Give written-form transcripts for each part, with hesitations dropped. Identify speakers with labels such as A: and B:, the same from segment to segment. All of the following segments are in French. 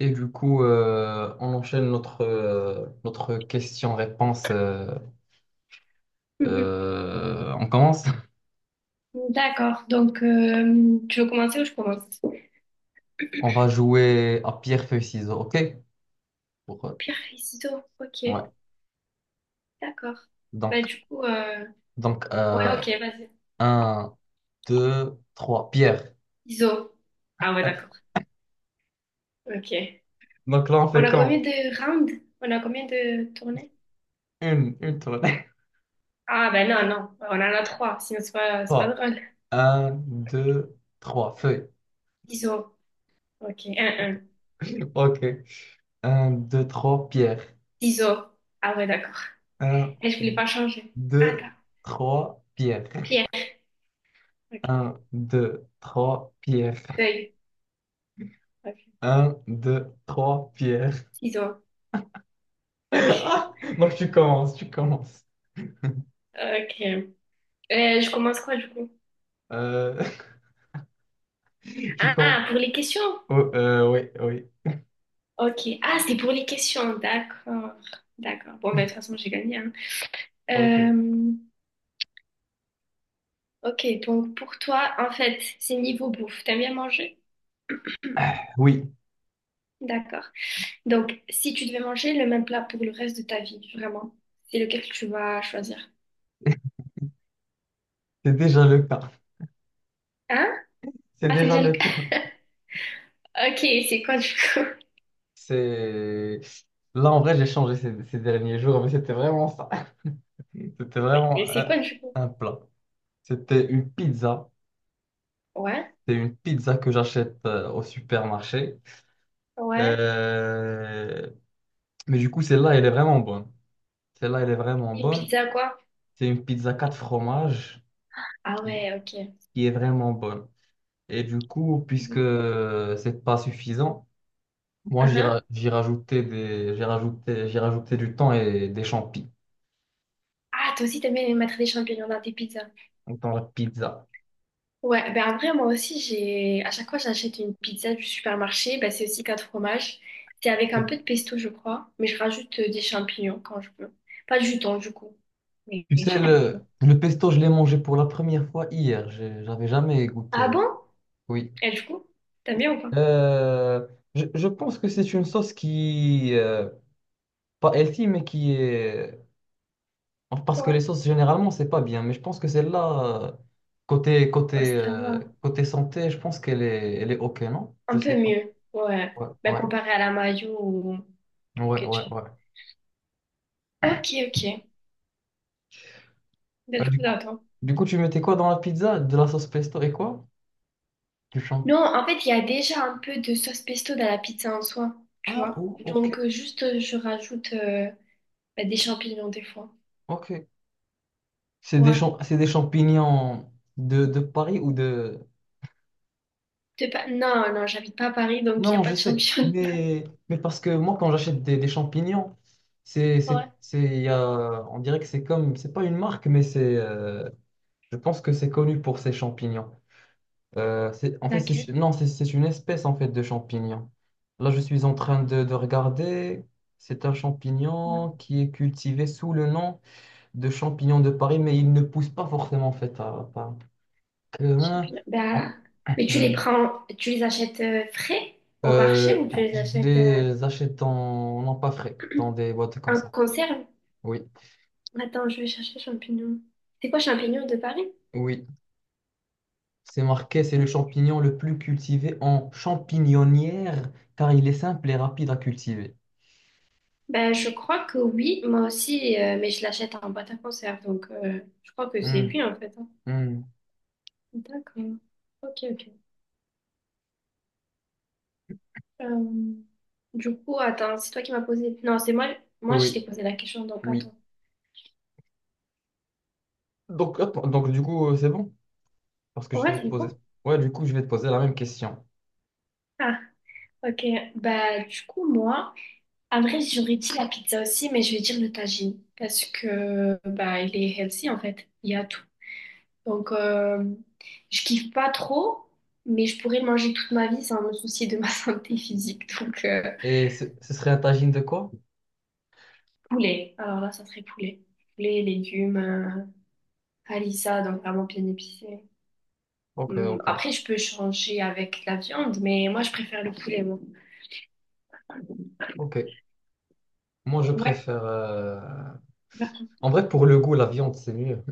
A: Et du coup, on enchaîne notre question-réponse.
B: Mhm.
A: On commence.
B: D'accord. Donc, tu veux commencer ou je commence?
A: On va jouer à pierre, feuille, ciseaux, OK? Pour,
B: Pierre Iso. Ok.
A: ouais.
B: D'accord. Bah,
A: Donc,
B: du coup, euh,
A: donc
B: ouais,
A: euh,
B: ok, vas-y.
A: 1, 2, 3, pierre.
B: Iso. Ah, ouais, d'accord. Ok.
A: Donc là, on
B: On
A: fait
B: a combien
A: quand?
B: de rounds? On a combien de tournées?
A: Une tournée.
B: Ah, ben non, non. On en a trois. Sinon, c'est pas, c'est pas
A: Trois.
B: drôle.
A: Un, deux, trois. Feuille.
B: Iso. Ok. Un, un.
A: OK. Un, 2, 3. Pierre.
B: Iso. Ah, ouais, d'accord.
A: Un,
B: Et je voulais pas changer. Attends.
A: 2, 3. Pierre.
B: Pierre. Ok.
A: Un, 2, 3. Pierre.
B: Feuille. Ok.
A: Un, deux, trois, Pierre.
B: Ciseaux. Ok.
A: Ah, donc tu commences.
B: Ok. Je commence quoi, du coup?
A: Euh, tu commences.
B: Ah, pour les questions?
A: Oh, oui, oui.
B: Ok. Ah, c'est pour les questions. D'accord. D'accord. Bon, ben, de toute façon, j'ai gagné, hein.
A: Ok.
B: Euh, ok. Donc, pour toi, en fait, c'est niveau bouffe. T'aimes bien manger?
A: Oui,
B: D'accord. Donc, si tu devais manger le même plat pour le reste de ta vie, vraiment, c'est lequel que tu vas choisir?
A: c'est déjà le cas.
B: Hein?
A: C'est
B: Ah, c'est
A: déjà
B: déjà le...
A: le cas.
B: Ok, c'est quoi du coup?
A: C'est... Là, en vrai, j'ai changé ces derniers jours, mais c'était vraiment ça. C'était
B: Mais
A: vraiment
B: c'est quoi du coup?
A: un plat. C'était une pizza.
B: Ouais,
A: C'est une pizza que j'achète au supermarché.
B: ouais.
A: Euh, Mais du coup, celle-là, elle est vraiment bonne. Celle-là, elle est vraiment
B: Une
A: bonne.
B: pizza quoi?
A: C'est une pizza 4 fromages
B: Ah
A: qui.
B: ouais, ok.
A: qui est vraiment bonne. Et du coup, puisque c'est pas suffisant, moi j'ai
B: Mhm.
A: ra- j'ai rajouté des j'ai rajouté du temps et des champis
B: Ah, toi aussi t'aimes bien mettre des champignons dans tes pizzas.
A: dans la pizza.
B: Ouais, ben après, moi aussi, j'ai à chaque fois j'achète une pizza du supermarché, ben c'est aussi quatre fromages. C'est avec un peu de pesto, je crois, mais je rajoute des champignons quand je peux. Pas du thon, du coup, mais
A: Tu
B: des
A: sais
B: champignons.
A: le pesto, je l'ai mangé pour la première fois hier. J'avais jamais
B: Ah
A: goûté.
B: bon?
A: Oui.
B: Et du coup, t'aimes bien ou pas?
A: Euh, je pense que c'est une sauce qui pas healthy, mais qui est. Enfin, parce que
B: Ouais.
A: les sauces, généralement, c'est pas bien, mais je pense que celle-là,
B: Ouais, ça va.
A: côté santé, je pense qu'elle est OK, non? Je
B: Un
A: sais
B: peu
A: pas.
B: mieux, ouais.
A: Ouais,
B: Ben
A: ouais,
B: comparé à la mayo ou
A: ouais, ouais,
B: ketchup.
A: ouais.
B: Ok, ok. Ben
A: Euh,
B: du
A: du
B: coup,
A: coup,
B: attends.
A: du coup, tu mettais quoi dans la pizza? De la sauce pesto et quoi? Du champ.
B: Non, en fait, il y a déjà un peu de sauce pesto dans la pizza en soi, tu
A: Ah,
B: vois.
A: oh,
B: Donc,
A: OK,
B: je rajoute ben, des champignons des fois.
A: OK.
B: Ouais.
A: C'est des champignons de Paris ou de...
B: T'es pas... Non, non, j'habite pas à Paris, donc il n'y a
A: Non,
B: pas
A: je
B: de
A: sais,
B: champignons.
A: mais parce que moi, quand j'achète des champignons,
B: Ouais.
A: c'est, il y a- on dirait que c'est comme, c'est pas une marque, mais c'est... Je pense que c'est connu pour ses champignons. C'est, en fait, c'est,
B: Laquelle?
A: non, C'est une espèce en fait de champignon. Là, je suis en train de regarder. C'est un
B: Ouais.
A: champignon qui est cultivé sous le nom de champignon de Paris, mais il ne pousse pas forcément en fait à Paris. Euh,
B: Champignons. Bah,
A: en-
B: mais tu les
A: hmm.
B: prends, tu les achètes frais au marché
A: Euh,
B: ou tu les
A: je
B: achètes
A: les achète en, pas frais, dans des boîtes comme
B: en
A: ça.
B: conserve?
A: Oui,
B: Attends, je vais chercher champignons. C'est quoi champignons de Paris?
A: oui. C'est marqué, c'est le champignon le plus cultivé en champignonnière, car il est simple et rapide à cultiver.
B: Ben, je crois que oui, moi aussi, mais je l'achète en boîte à conserve, donc je crois que c'est
A: Hmm.
B: lui en fait, hein.
A: Hmm.
B: D'accord. Ok, ok. Euh, Du coup, attends, c'est toi qui m'as posé. Non, c'est moi. Moi, je t'ai
A: Oui,
B: posé la question, donc
A: oui.
B: attends.
A: Donc, attends, donc du coup, c'est bon? Parce que je
B: Ouais,
A: vais te
B: c'est
A: poser.
B: bon.
A: Ouais, du coup, je vais te poser la même question.
B: Ah, ok, bah du coup moi, en vrai j'aurais dit la pizza aussi, mais je vais dire le tagine parce que bah il est healthy en fait, il y a tout. Donc je kiffe pas trop, mais je pourrais le manger toute ma vie sans me soucier de ma santé physique. Donc
A: Et ce serait un tagine de quoi?
B: poulet, alors là ça serait poulet, poulet, légumes, harissa, donc vraiment bien épicé.
A: Ok, ok,
B: Après je peux changer avec la viande, mais moi je préfère le poulet, moi.
A: ok. Moi, je
B: Ouais.
A: préfère. En vrai, pour le goût, la viande, c'est mieux.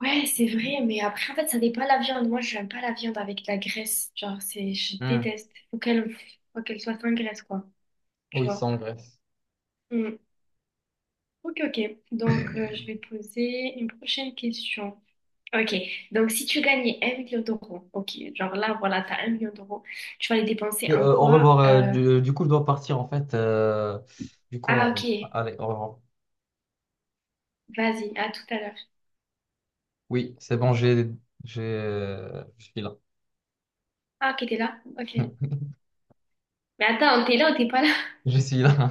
B: Ouais, c'est vrai, mais après, en fait, ça dépend de la viande. Moi, je n'aime pas la viande avec de la graisse. Genre, c'est, je
A: Hmm.
B: déteste. Faut qu'elle soit sans graisse, quoi. Tu
A: Oui,
B: vois?
A: sans graisse.
B: Mm. Ok, ok. Donc, je vais poser une prochaine question. Ok. Donc, si tu gagnais un million d'euros, ok. Genre là, voilà, t'as un million d'euros. Tu vas les dépenser
A: Et,
B: en
A: au
B: quoi?
A: revoir. Du coup, je dois partir en fait. Du coup,
B: Ah, ok.
A: allez, au revoir.
B: Vas-y, à tout à l'heure.
A: Oui, c'est bon, je suis là.
B: Ah, ok, t'es là? Ok. Mais attends, t'es là ou t'es pas là?
A: Je suis là.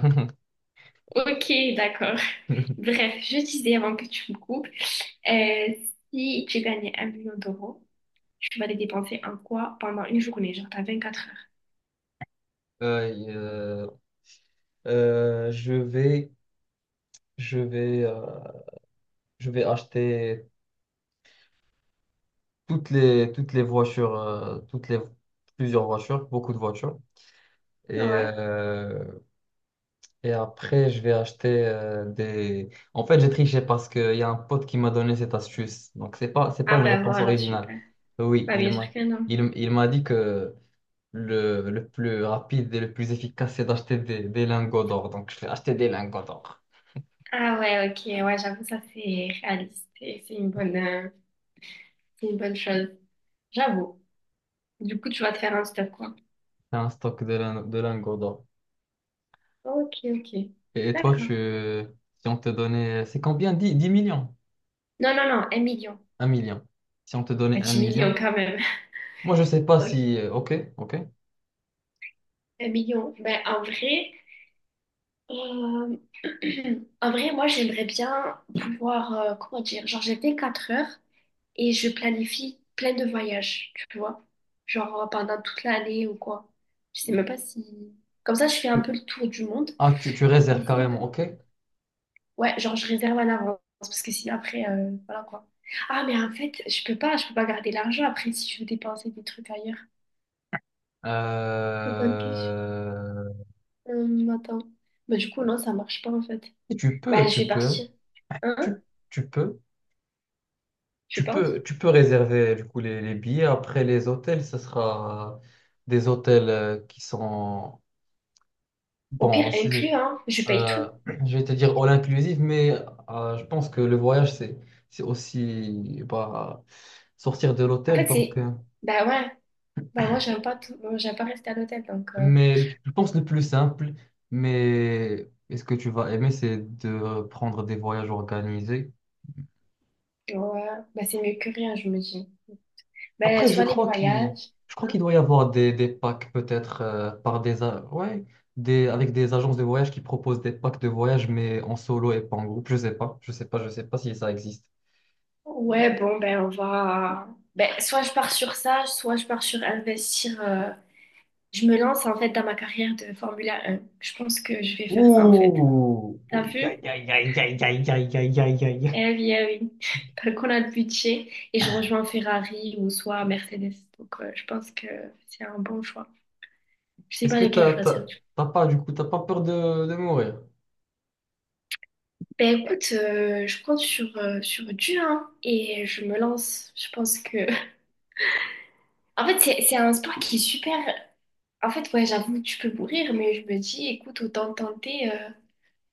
B: Ok, d'accord. Bref, je disais avant que tu me coupes. Euh, Si tu gagnais un million d'euros, tu vas les dépenser en quoi pendant une journée, genre t'as 24 heures.
A: Euh, euh, euh, je vais. Je vais, euh, je vais acheter toutes les voitures, plusieurs voitures, beaucoup de voitures. Et,
B: Ouais.
A: après, je vais acheter des... En fait, j'ai triché parce qu'il y a un pote qui m'a donné cette astuce. Donc, c'est pas
B: Ah
A: une
B: ben
A: réponse
B: voilà,
A: originale.
B: super.
A: Oui,
B: Bah bien sûr que non.
A: il m'a dit que le plus rapide et le plus efficace, c'est d'acheter des lingots d'or. Donc, je vais acheter des lingots d'or.
B: Ah ouais, ok, ouais, j'avoue, ça c'est réaliste et c'est c'est une bonne chose. J'avoue. Du coup, tu vas te faire un stop, quoi.
A: C'est un stock de lingots d'or.
B: Ok, ok.
A: Et toi,
B: D'accord.
A: si on te donnait, c'est combien? Dix millions?
B: Non, non, non, un million.
A: Un million. Si on te
B: Ah,
A: donnait un
B: 10 millions
A: million,
B: quand même.
A: moi je sais pas si,
B: Ok,
A: ok, ok.
B: un million. Ben en vrai, euh, en vrai, moi j'aimerais bien pouvoir, comment dire, genre j'ai 24 heures. Et je planifie plein de voyages, tu vois. Genre pendant toute l'année ou quoi. Je sais même pas si... Comme ça, je fais un peu le tour du monde.
A: Ah, tu
B: Mais
A: réserves carrément,
B: sinon,
A: ok.
B: ouais, genre je réserve à l'avance parce que sinon après, voilà quoi. Ah, mais en fait, je peux pas garder l'argent après si je veux dépenser des trucs ailleurs. Très bonne question.
A: Euh,
B: Attends. Bah, du coup, non, ça marche pas en fait.
A: et
B: Bah, je vais partir. Hein?
A: tu, tu peux,
B: Je pense.
A: tu peux réserver du coup les billets. Après les hôtels, ce sera des hôtels qui sont
B: Au
A: bon.
B: pire, inclus, hein. Je paye tout.
A: Euh, je vais te dire all inclusive, mais je pense que le voyage, c'est aussi bah, sortir de
B: En
A: l'hôtel.
B: fait,
A: Donc,
B: c'est... Bah ouais. Bah moi, j'aime pas tout... Moi, j'aime pas rester à l'hôtel, donc...
A: mais je pense le plus simple, mais est-ce que tu vas aimer, c'est de prendre des voyages organisés.
B: Ouais, bah c'est mieux que rien, je me dis. Ben,
A: Après,
B: soit les voyages,
A: je crois
B: hein.
A: qu'il doit y avoir des packs peut-être ouais, avec des agences de voyage qui proposent des packs de voyage, mais en solo et pas en groupe. Je sais pas si ça existe.
B: Ouais, bon, ben on va. Ben, soit je pars sur ça, soit je pars sur investir. Je me lance en fait dans ma carrière de Formule 1. Je pense que je vais faire ça en fait.
A: Ouh!
B: T'as
A: Ouh,
B: vu?
A: aïe, aïe, aïe, aïe, aïe, aïe, aïe, aïe, aïe.
B: Eh oui, eh oui. Tant qu'on a le budget et je rejoins Ferrari ou soit Mercedes. Donc je pense que c'est un bon choix. Je sais
A: Est-ce
B: pas
A: que
B: lequel choisir, du coup.
A: t'as pas, du coup, t'as pas peur de mourir?
B: Ben écoute, je compte sur, sur Dieu hein, et je me lance. Je pense que en fait, c'est un sport qui est super. En fait, ouais, j'avoue, tu peux mourir, mais je me dis, écoute, autant tenter,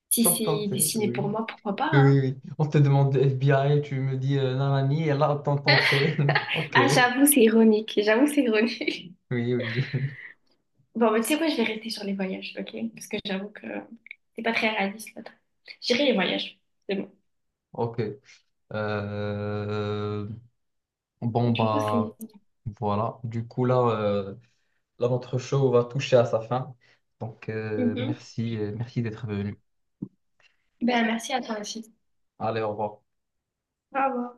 B: si
A: T'as
B: c'est
A: tenté,
B: destiné
A: oui.
B: pour moi, pourquoi pas,
A: Oui,
B: hein.
A: oui, oui. On te demande de FBI, tu me dis nanani, et là, t'as tenté. Ok,
B: Ah, j'avoue, c'est ironique. J'avoue, c'est ironique.
A: oui, oui.
B: Bon, mais tu sais quoi, je vais rester sur les voyages, ok? Parce que j'avoue que c'est pas très réaliste, là. J'irai les voyages. C'est bon.
A: Ok. Euh, Bon,
B: Du coup, c'est.
A: bah, voilà. Du coup, là, notre show va toucher à sa fin. Donc,
B: Mhm.
A: merci d'être venu.
B: Ben, merci à toi aussi.
A: Allez, au revoir.
B: Au revoir.